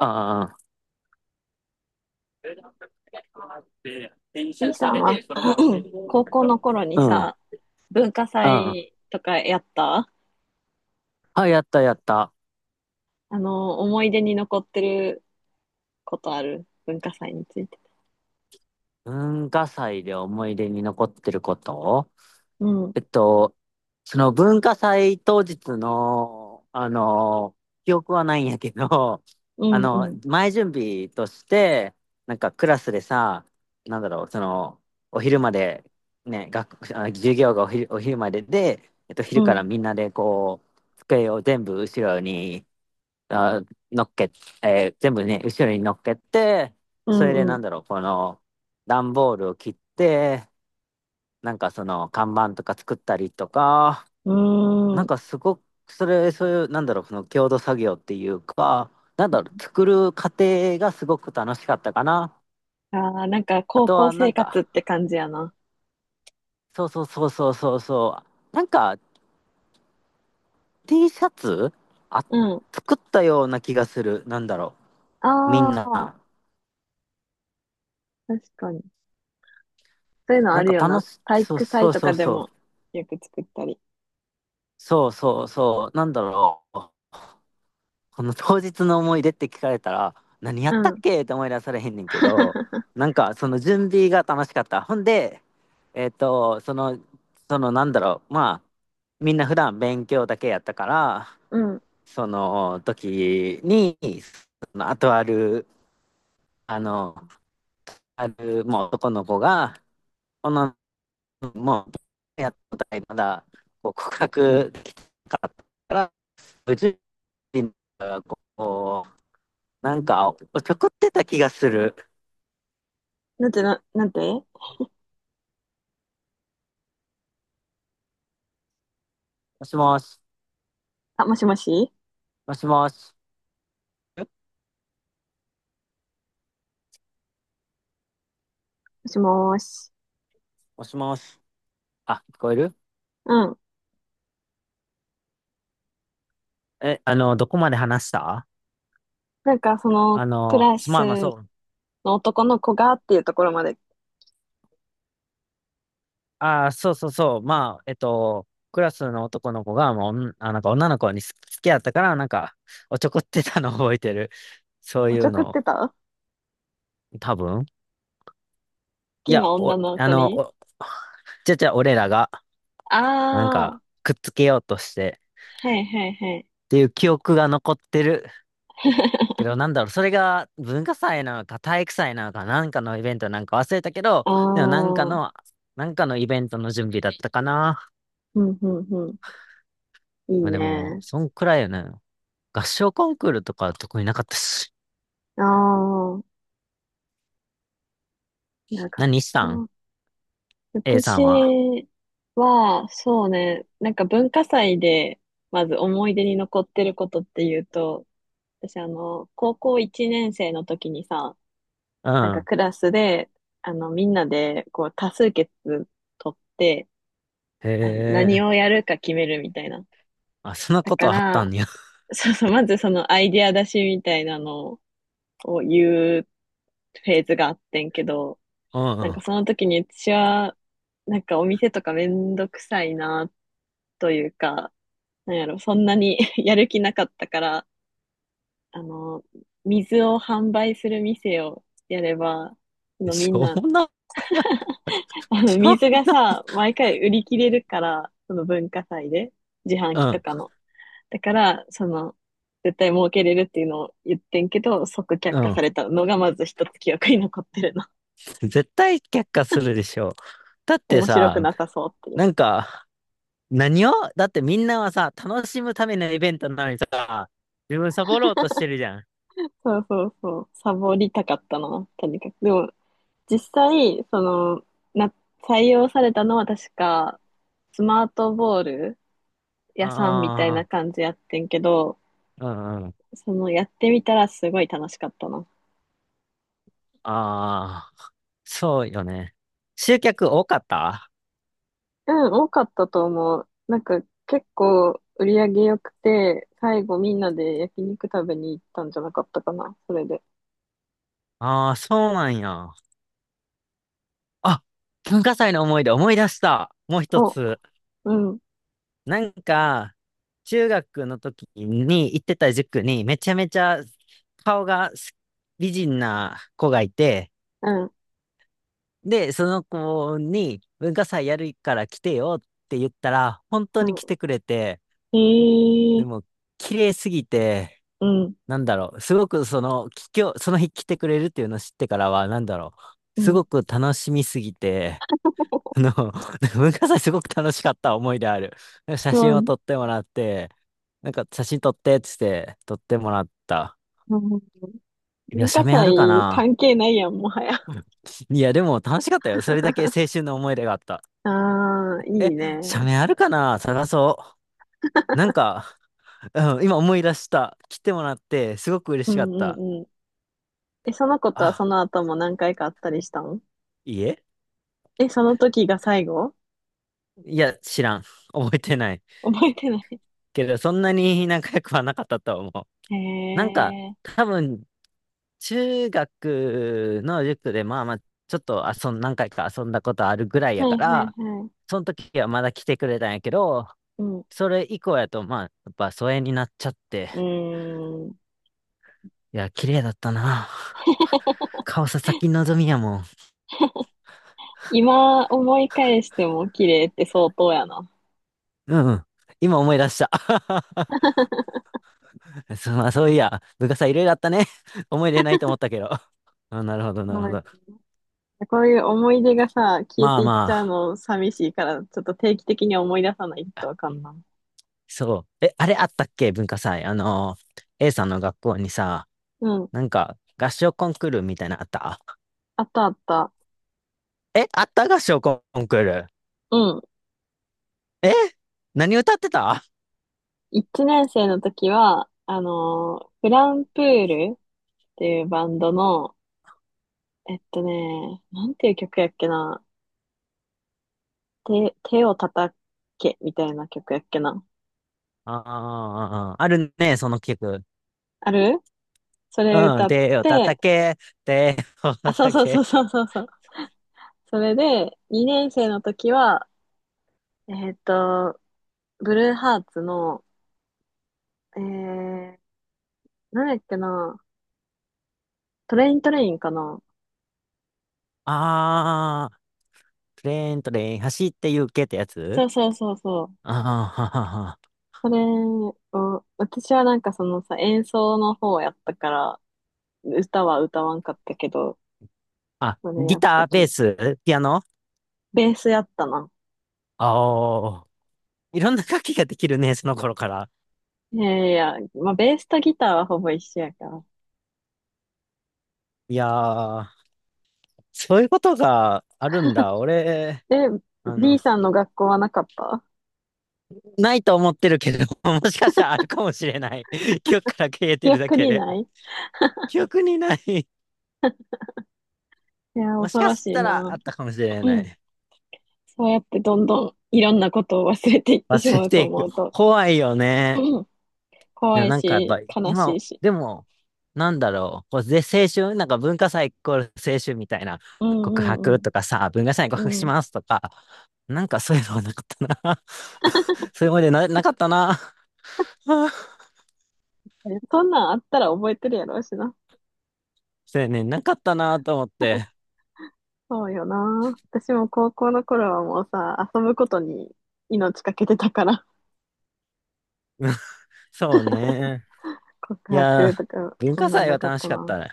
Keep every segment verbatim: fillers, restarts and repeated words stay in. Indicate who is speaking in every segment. Speaker 1: あで、転
Speaker 2: B
Speaker 1: 写
Speaker 2: さ
Speaker 1: さ
Speaker 2: ん
Speaker 1: れ
Speaker 2: は
Speaker 1: て、そのままテレビを撮
Speaker 2: 高
Speaker 1: っ
Speaker 2: 校
Speaker 1: たも
Speaker 2: の
Speaker 1: ん。
Speaker 2: 頃に
Speaker 1: あ、う
Speaker 2: さ、文化
Speaker 1: ん、うん。
Speaker 2: 祭とかやった
Speaker 1: あ、やったやった。
Speaker 2: あの、思い出に残ってることある文化祭について。
Speaker 1: 文化祭で思い出に残ってること。
Speaker 2: うん、
Speaker 1: えっと、その文化祭当日の、あの、記憶はないんやけど、
Speaker 2: う
Speaker 1: あ
Speaker 2: ん、う
Speaker 1: の、
Speaker 2: ん、
Speaker 1: 前準備として、なんかクラスでさ、なんだろう、その、お昼まで、ね、学、あ授業がお昼、お昼までで、えっと、
Speaker 2: う
Speaker 1: 昼から
Speaker 2: ん、
Speaker 1: みんなでこう、机を全部後ろに、あ、乗っけ、えー全部ね、後ろに乗っけて、
Speaker 2: う
Speaker 1: それで
Speaker 2: ん、
Speaker 1: な
Speaker 2: う
Speaker 1: んだろう、この、段ボールを切って、なんかその看板とか作ったりとか、
Speaker 2: ん。
Speaker 1: な
Speaker 2: うー
Speaker 1: ん
Speaker 2: ん。
Speaker 1: かすごく、それ、そういう、なんだろう、その共同作業っていうか、なんだろう、作る過程がすごく楽しかったかな。
Speaker 2: ああ、なんか
Speaker 1: あ
Speaker 2: 高
Speaker 1: と
Speaker 2: 校
Speaker 1: はな
Speaker 2: 生
Speaker 1: ん
Speaker 2: 活
Speaker 1: か、
Speaker 2: って感じやな。
Speaker 1: そうそうそうそうそうそう、なんか T シャツあ、
Speaker 2: うん。
Speaker 1: 作ったような気がする。なんだろ
Speaker 2: あ
Speaker 1: う、みん
Speaker 2: あ、
Speaker 1: な。
Speaker 2: 確かに。そういうのあ
Speaker 1: なん
Speaker 2: る
Speaker 1: か
Speaker 2: よ
Speaker 1: 楽
Speaker 2: な。
Speaker 1: し、
Speaker 2: 体
Speaker 1: そう
Speaker 2: 育
Speaker 1: そ
Speaker 2: 祭
Speaker 1: う
Speaker 2: と
Speaker 1: そ
Speaker 2: か
Speaker 1: う
Speaker 2: で
Speaker 1: そ
Speaker 2: も
Speaker 1: う、
Speaker 2: よく作ったり。
Speaker 1: そうそうそう、なんだろう。この当日の思い出って聞かれたら、何やっ
Speaker 2: う
Speaker 1: たっ
Speaker 2: ん。
Speaker 1: けって思い出されへんねんけど、なんかその準備が楽しかった。ほんで、えっと、その、そのなんだろう、まあ、みんな普段勉強だけやったから、
Speaker 2: うん。
Speaker 1: その時に、そのあとある、あの、ある、もう男の子が、この、もう、やったことないまだ、こう告白できなかったから、無事に、こう、なんか、おちょくってた気がする。
Speaker 2: なんてな、なんて
Speaker 1: もしもし、
Speaker 2: あ、もしもし
Speaker 1: もしもし。え
Speaker 2: もしもーし。
Speaker 1: もしもし。あ、聞こえる？
Speaker 2: うん。
Speaker 1: え、あの、どこまで話した？
Speaker 2: なんかその
Speaker 1: あ
Speaker 2: ク
Speaker 1: の、
Speaker 2: ラ
Speaker 1: すま
Speaker 2: ス
Speaker 1: あまあそう。
Speaker 2: の男の子がっていうところまで。
Speaker 1: ああ、そうそうそう。まあ、えっと、クラスの男の子が、もう、おんあ、なんか女の子に好き好きやったから、なんか、おちょこってたのを覚えてる。そう
Speaker 2: お
Speaker 1: い
Speaker 2: ち
Speaker 1: う
Speaker 2: ょくっ
Speaker 1: の、
Speaker 2: てた好
Speaker 1: 多分。い
Speaker 2: き
Speaker 1: や、
Speaker 2: な女
Speaker 1: お、
Speaker 2: の
Speaker 1: あ
Speaker 2: 子
Speaker 1: の、
Speaker 2: に
Speaker 1: お、じゃじゃ俺らが、なん
Speaker 2: ああ、
Speaker 1: か、くっつけようとして、
Speaker 2: はいはいはい。
Speaker 1: っていう記憶が残ってるけ ど、なんだろう、それが文化祭なのか体育祭なのかなんかのイベントなんか忘れたけど、
Speaker 2: あ
Speaker 1: でもなんか
Speaker 2: あ、
Speaker 1: の、なんかのイベントの準備だったかな。
Speaker 2: うん、うん、うん。いい
Speaker 1: まあでも、
Speaker 2: ね。
Speaker 1: そんくらいよね。合唱コンクールとか特になかったし。
Speaker 2: ああ、いや、学
Speaker 1: 何したん？
Speaker 2: 校。
Speaker 1: A さんは。
Speaker 2: 私は、そうね、なんか文化祭で、まず思い出に残ってることっていうと、私あの、高校いちねん生の時にさ、
Speaker 1: う
Speaker 2: なんか
Speaker 1: ん。
Speaker 2: クラスで、あの、みんなで、こう、多数決取って、
Speaker 1: へ
Speaker 2: あの、何
Speaker 1: え。
Speaker 2: をやるか決めるみたいな。
Speaker 1: あ、そんな
Speaker 2: だ
Speaker 1: こと
Speaker 2: か
Speaker 1: あった
Speaker 2: ら、
Speaker 1: んや。
Speaker 2: そうそう、まずそのアイディア出しみたいなのを言うフェーズがあってんけど、
Speaker 1: うん
Speaker 2: なんか
Speaker 1: う
Speaker 2: その時に私は、なんかお店とかめんどくさいなというか、なんやろ、そんなに やる気なかったから、あの、水を販売する店をやれば、そ
Speaker 1: ん。
Speaker 2: の
Speaker 1: し
Speaker 2: みん
Speaker 1: ょう
Speaker 2: な、
Speaker 1: もな。
Speaker 2: あの、
Speaker 1: しょ
Speaker 2: 水
Speaker 1: う、
Speaker 2: がさ、毎回売り切れるから、その文化祭で、自販
Speaker 1: う
Speaker 2: 機と
Speaker 1: ん。
Speaker 2: かの。だから、その、絶対儲けれるっていうのを言ってんけど、即却
Speaker 1: う
Speaker 2: 下さ
Speaker 1: ん。
Speaker 2: れたのがまず一つ記憶に残ってるな。
Speaker 1: 絶対却下するでしょ。だっ て
Speaker 2: 面白
Speaker 1: さ、
Speaker 2: くなさそうっていう。
Speaker 1: なんか、何をだってみんなはさ、楽しむためのイベントなのにさ、自分サボろうとしてるじゃん。
Speaker 2: そうそうそう。サボりたかったな、とにかく。でも、実際、その、な、採用されたのは確か、スマートボール屋さんみたいな
Speaker 1: あ
Speaker 2: 感じやってんけど、
Speaker 1: あ、うんうん。
Speaker 2: その、やってみたらすごい楽しかったな。
Speaker 1: ああ、そうよね。集客多かった？
Speaker 2: うん、多かったと思う。なんか結構売り上げ良くて、最後みんなで焼肉食べに行ったんじゃなかったかな、それで。
Speaker 1: ああー、そうなんや。あ、文化祭の思い出思い出した。もう一
Speaker 2: お、
Speaker 1: つ。
Speaker 2: うん、
Speaker 1: なんか、中学の時に行ってた塾にめちゃめちゃ顔が美人な子がいて、
Speaker 2: うん、
Speaker 1: で、その子に文化祭やるから来てよって言ったら、本当
Speaker 2: う
Speaker 1: に
Speaker 2: ん。
Speaker 1: 来てくれて、
Speaker 2: ええ
Speaker 1: で
Speaker 2: ー、
Speaker 1: も、綺麗すぎて、
Speaker 2: うん、
Speaker 1: なんだろう、すごくその、今日、その日来てくれるっていうのを知ってからは、なんだろう、
Speaker 2: う
Speaker 1: す
Speaker 2: ん。
Speaker 1: ごく楽しみすぎて、あの、文化祭すごく楽しかった思いである。写
Speaker 2: もう、
Speaker 1: 真
Speaker 2: う
Speaker 1: を
Speaker 2: ん、
Speaker 1: 撮ってもらって、なんか写真撮ってって言って撮ってもらった。いや、
Speaker 2: 文化
Speaker 1: 写メ
Speaker 2: 祭
Speaker 1: あるかな？
Speaker 2: 関係ないやん、もはや。
Speaker 1: いや、でも楽しかったよ。それだけ 青春の思い出があった。
Speaker 2: ああ、いい
Speaker 1: え、写
Speaker 2: ね。
Speaker 1: メあるかな、探そう。なんか、うん、今思い出した。来てもらって、すごく嬉
Speaker 2: う
Speaker 1: しかっ
Speaker 2: んう
Speaker 1: た。
Speaker 2: んうん。え、その子とは
Speaker 1: あ、
Speaker 2: その後も何回かあったりしたの？
Speaker 1: いいえ。
Speaker 2: え、その時が最後？
Speaker 1: いや、知らん。覚えてない。
Speaker 2: 覚えてない。
Speaker 1: けど、そんなに 仲良くはなかったと思う。
Speaker 2: へ
Speaker 1: なんか、
Speaker 2: え。
Speaker 1: 多分、中学の塾で、まあまあ、ちょっと遊ん、何回か遊んだことあるぐらい
Speaker 2: は
Speaker 1: やか
Speaker 2: いは
Speaker 1: ら、
Speaker 2: いはい。
Speaker 1: その時はまだ来てくれたんやけど、
Speaker 2: うん。
Speaker 1: それ以降やと、まあ、やっぱ疎遠になっちゃって、
Speaker 2: うーん。
Speaker 1: いや、綺麗だったな。やっぱ顔さ、先望みやもん。
Speaker 2: 今思い返しても綺麗って相当やな。
Speaker 1: うんうん。今思い出した。そう、まあそういや、部活はいろいろあったね。思い出ないと思ったけど。あ、なるほど、なるほ
Speaker 2: はい。
Speaker 1: ど。
Speaker 2: こういう思い出がさ、消え
Speaker 1: ま
Speaker 2: て
Speaker 1: あ
Speaker 2: いっ
Speaker 1: ま
Speaker 2: ちゃう
Speaker 1: あ、
Speaker 2: の寂しいから、ちょっと定期的に思い出さないとわかんない。
Speaker 1: そう。え、あれあったっけ文化祭。あのー、A さんの学校にさ、
Speaker 2: うん。
Speaker 1: なんか、合唱コンクールみたいなのあった？
Speaker 2: あったあった。
Speaker 1: え、あった合唱コンクール？
Speaker 2: うん。
Speaker 1: え、何歌ってた？あ
Speaker 2: 一年生の時は、あのーフランプールっていうバンドの、えっとね、なんていう曲やっけな。手、手を叩けみたいな曲やっけな。
Speaker 1: あ、ああー、あるね、その曲。
Speaker 2: ある、それ
Speaker 1: う
Speaker 2: 歌
Speaker 1: ん、
Speaker 2: っ
Speaker 1: 手を
Speaker 2: て、
Speaker 1: 叩け、手を
Speaker 2: あ、そう
Speaker 1: 叩
Speaker 2: そうそう
Speaker 1: け。
Speaker 2: そうそうそう。それで、にねん生の時は、えっと、ブルーハーツの、えー、なんだっけな、トレイントレインかな。
Speaker 1: ああ、プレーントレイン走って行けってや
Speaker 2: そ
Speaker 1: つ？
Speaker 2: うそうそうそう。
Speaker 1: ああ、ははは。
Speaker 2: それを、私はなんかそのさ、演奏の方をやったから、歌は歌わんかったけど、
Speaker 1: あ、
Speaker 2: それや
Speaker 1: ギ
Speaker 2: った
Speaker 1: ター、ベ
Speaker 2: け。
Speaker 1: ース、ピアノ？
Speaker 2: ベースやったな。
Speaker 1: ああー、いろんな楽器ができるね、その頃から。
Speaker 2: いやいやいや、まあ、ベースとギターはほぼ一緒やから。
Speaker 1: いやー、そういうことがあるんだ。俺、
Speaker 2: で、
Speaker 1: あの、
Speaker 2: B さんの学校はなかった？
Speaker 1: ないと思ってるけど、もしかしたらあるかもしれない。記憶から消えて
Speaker 2: 記
Speaker 1: るだ
Speaker 2: 憶
Speaker 1: け
Speaker 2: に
Speaker 1: で。
Speaker 2: ない。い
Speaker 1: 記憶にない。
Speaker 2: や、
Speaker 1: もし
Speaker 2: 恐
Speaker 1: か
Speaker 2: ろし
Speaker 1: し
Speaker 2: い
Speaker 1: たらあ
Speaker 2: な。
Speaker 1: ったかもしれない。
Speaker 2: そうやってどんどんいろんなことを忘れていってし
Speaker 1: 忘れ
Speaker 2: まう
Speaker 1: て
Speaker 2: と
Speaker 1: いく。
Speaker 2: 思うと、
Speaker 1: 怖いよね。
Speaker 2: うん、
Speaker 1: で
Speaker 2: 怖
Speaker 1: も
Speaker 2: い
Speaker 1: なんかやっぱ
Speaker 2: し、悲し
Speaker 1: 今、
Speaker 2: いし。
Speaker 1: でも、なんだろう、こうで青春、なんか文化祭イコール青春みたいな、
Speaker 2: う
Speaker 1: 告
Speaker 2: んうん
Speaker 1: 白
Speaker 2: う
Speaker 1: とかさ、文化祭に
Speaker 2: ん。
Speaker 1: 告白
Speaker 2: う
Speaker 1: し
Speaker 2: ん。
Speaker 1: ますとか、なんかそういうのはなかったな。そういう思い出な、なかったな。
Speaker 2: そんなんあったら覚えてるやろうしな。
Speaker 1: そうやね、なかったなと思って。
Speaker 2: そうよな。私も高校の頃はもうさ、遊ぶことに命かけてたから、
Speaker 1: そうね。
Speaker 2: 告
Speaker 1: いや
Speaker 2: 白
Speaker 1: ー、
Speaker 2: とか、
Speaker 1: 文
Speaker 2: そ
Speaker 1: 化
Speaker 2: んなん
Speaker 1: 祭
Speaker 2: な
Speaker 1: は
Speaker 2: かっ
Speaker 1: 楽し
Speaker 2: た
Speaker 1: かっ
Speaker 2: な。
Speaker 1: たね。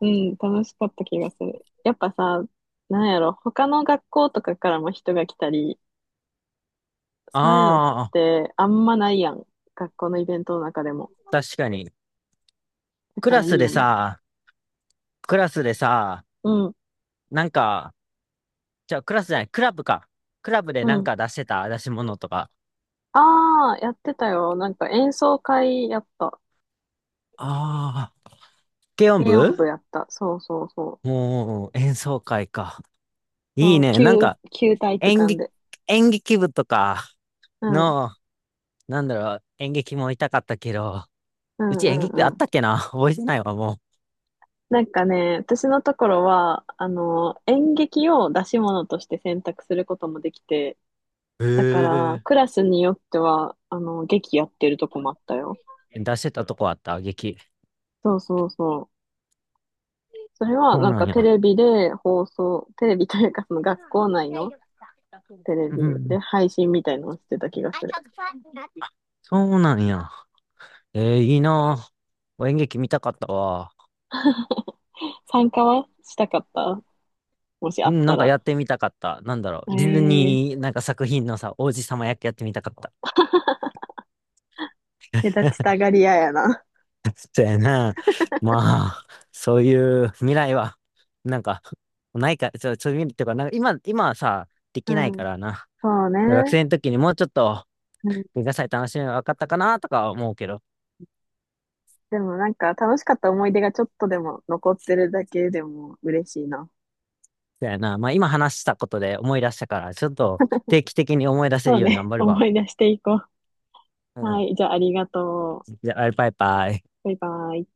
Speaker 2: うん、楽しかった気がする。やっぱさ、なんやろ、他の学校とかからも人が来たり、そういうのっ
Speaker 1: あ
Speaker 2: てあんまないやん。学校のイベントの中でも。
Speaker 1: あ、確かに。
Speaker 2: だ
Speaker 1: ク
Speaker 2: か
Speaker 1: ラ
Speaker 2: らい
Speaker 1: ス
Speaker 2: い
Speaker 1: で
Speaker 2: よね。
Speaker 1: さ、クラスでさ、
Speaker 2: うん、
Speaker 1: なんか、じゃあクラスじゃない、クラブか。クラブでな
Speaker 2: う
Speaker 1: ん
Speaker 2: ん。
Speaker 1: か出してた出し物とか。
Speaker 2: ああ、やってたよ。なんか演奏会やった。
Speaker 1: ああ、軽音
Speaker 2: 軽音
Speaker 1: 部？
Speaker 2: 部やった。そうそうそう。
Speaker 1: もう、演奏会か。い
Speaker 2: そ
Speaker 1: い
Speaker 2: う、
Speaker 1: ね。なん
Speaker 2: 旧、
Speaker 1: か、
Speaker 2: 旧体育
Speaker 1: 演
Speaker 2: 館
Speaker 1: 劇、
Speaker 2: で。
Speaker 1: 演劇部とか
Speaker 2: うん、うん、
Speaker 1: の、なんだろう、演劇もいたかったけど、
Speaker 2: う
Speaker 1: うち演劇部
Speaker 2: ん、
Speaker 1: あ
Speaker 2: う
Speaker 1: っ
Speaker 2: ん。
Speaker 1: たっけな覚えてないわ、も
Speaker 2: なんかね、私のところは、あの、演劇を出し物として選択することもできて、
Speaker 1: う。
Speaker 2: だから、
Speaker 1: へ
Speaker 2: クラスによっては、あの、劇やってるとこもあったよ。
Speaker 1: え。出してたとこあった？劇？
Speaker 2: そうそうそう。それは、
Speaker 1: そう
Speaker 2: なん
Speaker 1: なん
Speaker 2: かテ
Speaker 1: や。
Speaker 2: レビで放送、テレビというか、その学校内のテレ
Speaker 1: う
Speaker 2: ビで
Speaker 1: ん、
Speaker 2: 配信みたいのをしてた気がする。
Speaker 1: そうなんや。えー、いいなぁ。演劇見たかったわ。
Speaker 2: 参加はしたかった、もしあ
Speaker 1: う
Speaker 2: っ
Speaker 1: ん、な
Speaker 2: た
Speaker 1: んか
Speaker 2: ら。
Speaker 1: やってみたかった。なんだろ
Speaker 2: え
Speaker 1: う。ディズ
Speaker 2: え、
Speaker 1: ニー、なんか作品のさ、王子様役やってみたかった。
Speaker 2: 目立ちたがり屋やな。
Speaker 1: そうやな。まあ、そういう未来は、なんか、ないか、そう、そういう未来っていうか、なんか今、今はさ、で
Speaker 2: う
Speaker 1: きないか
Speaker 2: ん。
Speaker 1: らな。
Speaker 2: そう
Speaker 1: 学
Speaker 2: ね。
Speaker 1: 生の時にもうちょっと、
Speaker 2: うん。
Speaker 1: 文化祭楽しみが分かったかなとかは思うけど。
Speaker 2: でもなんか楽しかった思い出がちょっとでも残ってるだけでも嬉しいな。
Speaker 1: そうやな。まあ今話したことで思い出したから、ちょっと定期的に思い出せ
Speaker 2: そ
Speaker 1: る
Speaker 2: う
Speaker 1: ように頑
Speaker 2: ね。
Speaker 1: 張る
Speaker 2: 思
Speaker 1: わ。
Speaker 2: い出していこ
Speaker 1: う
Speaker 2: う。は
Speaker 1: ん。
Speaker 2: い。じゃあありがとう。
Speaker 1: じゃあ、バイバイ。
Speaker 2: バイバイ。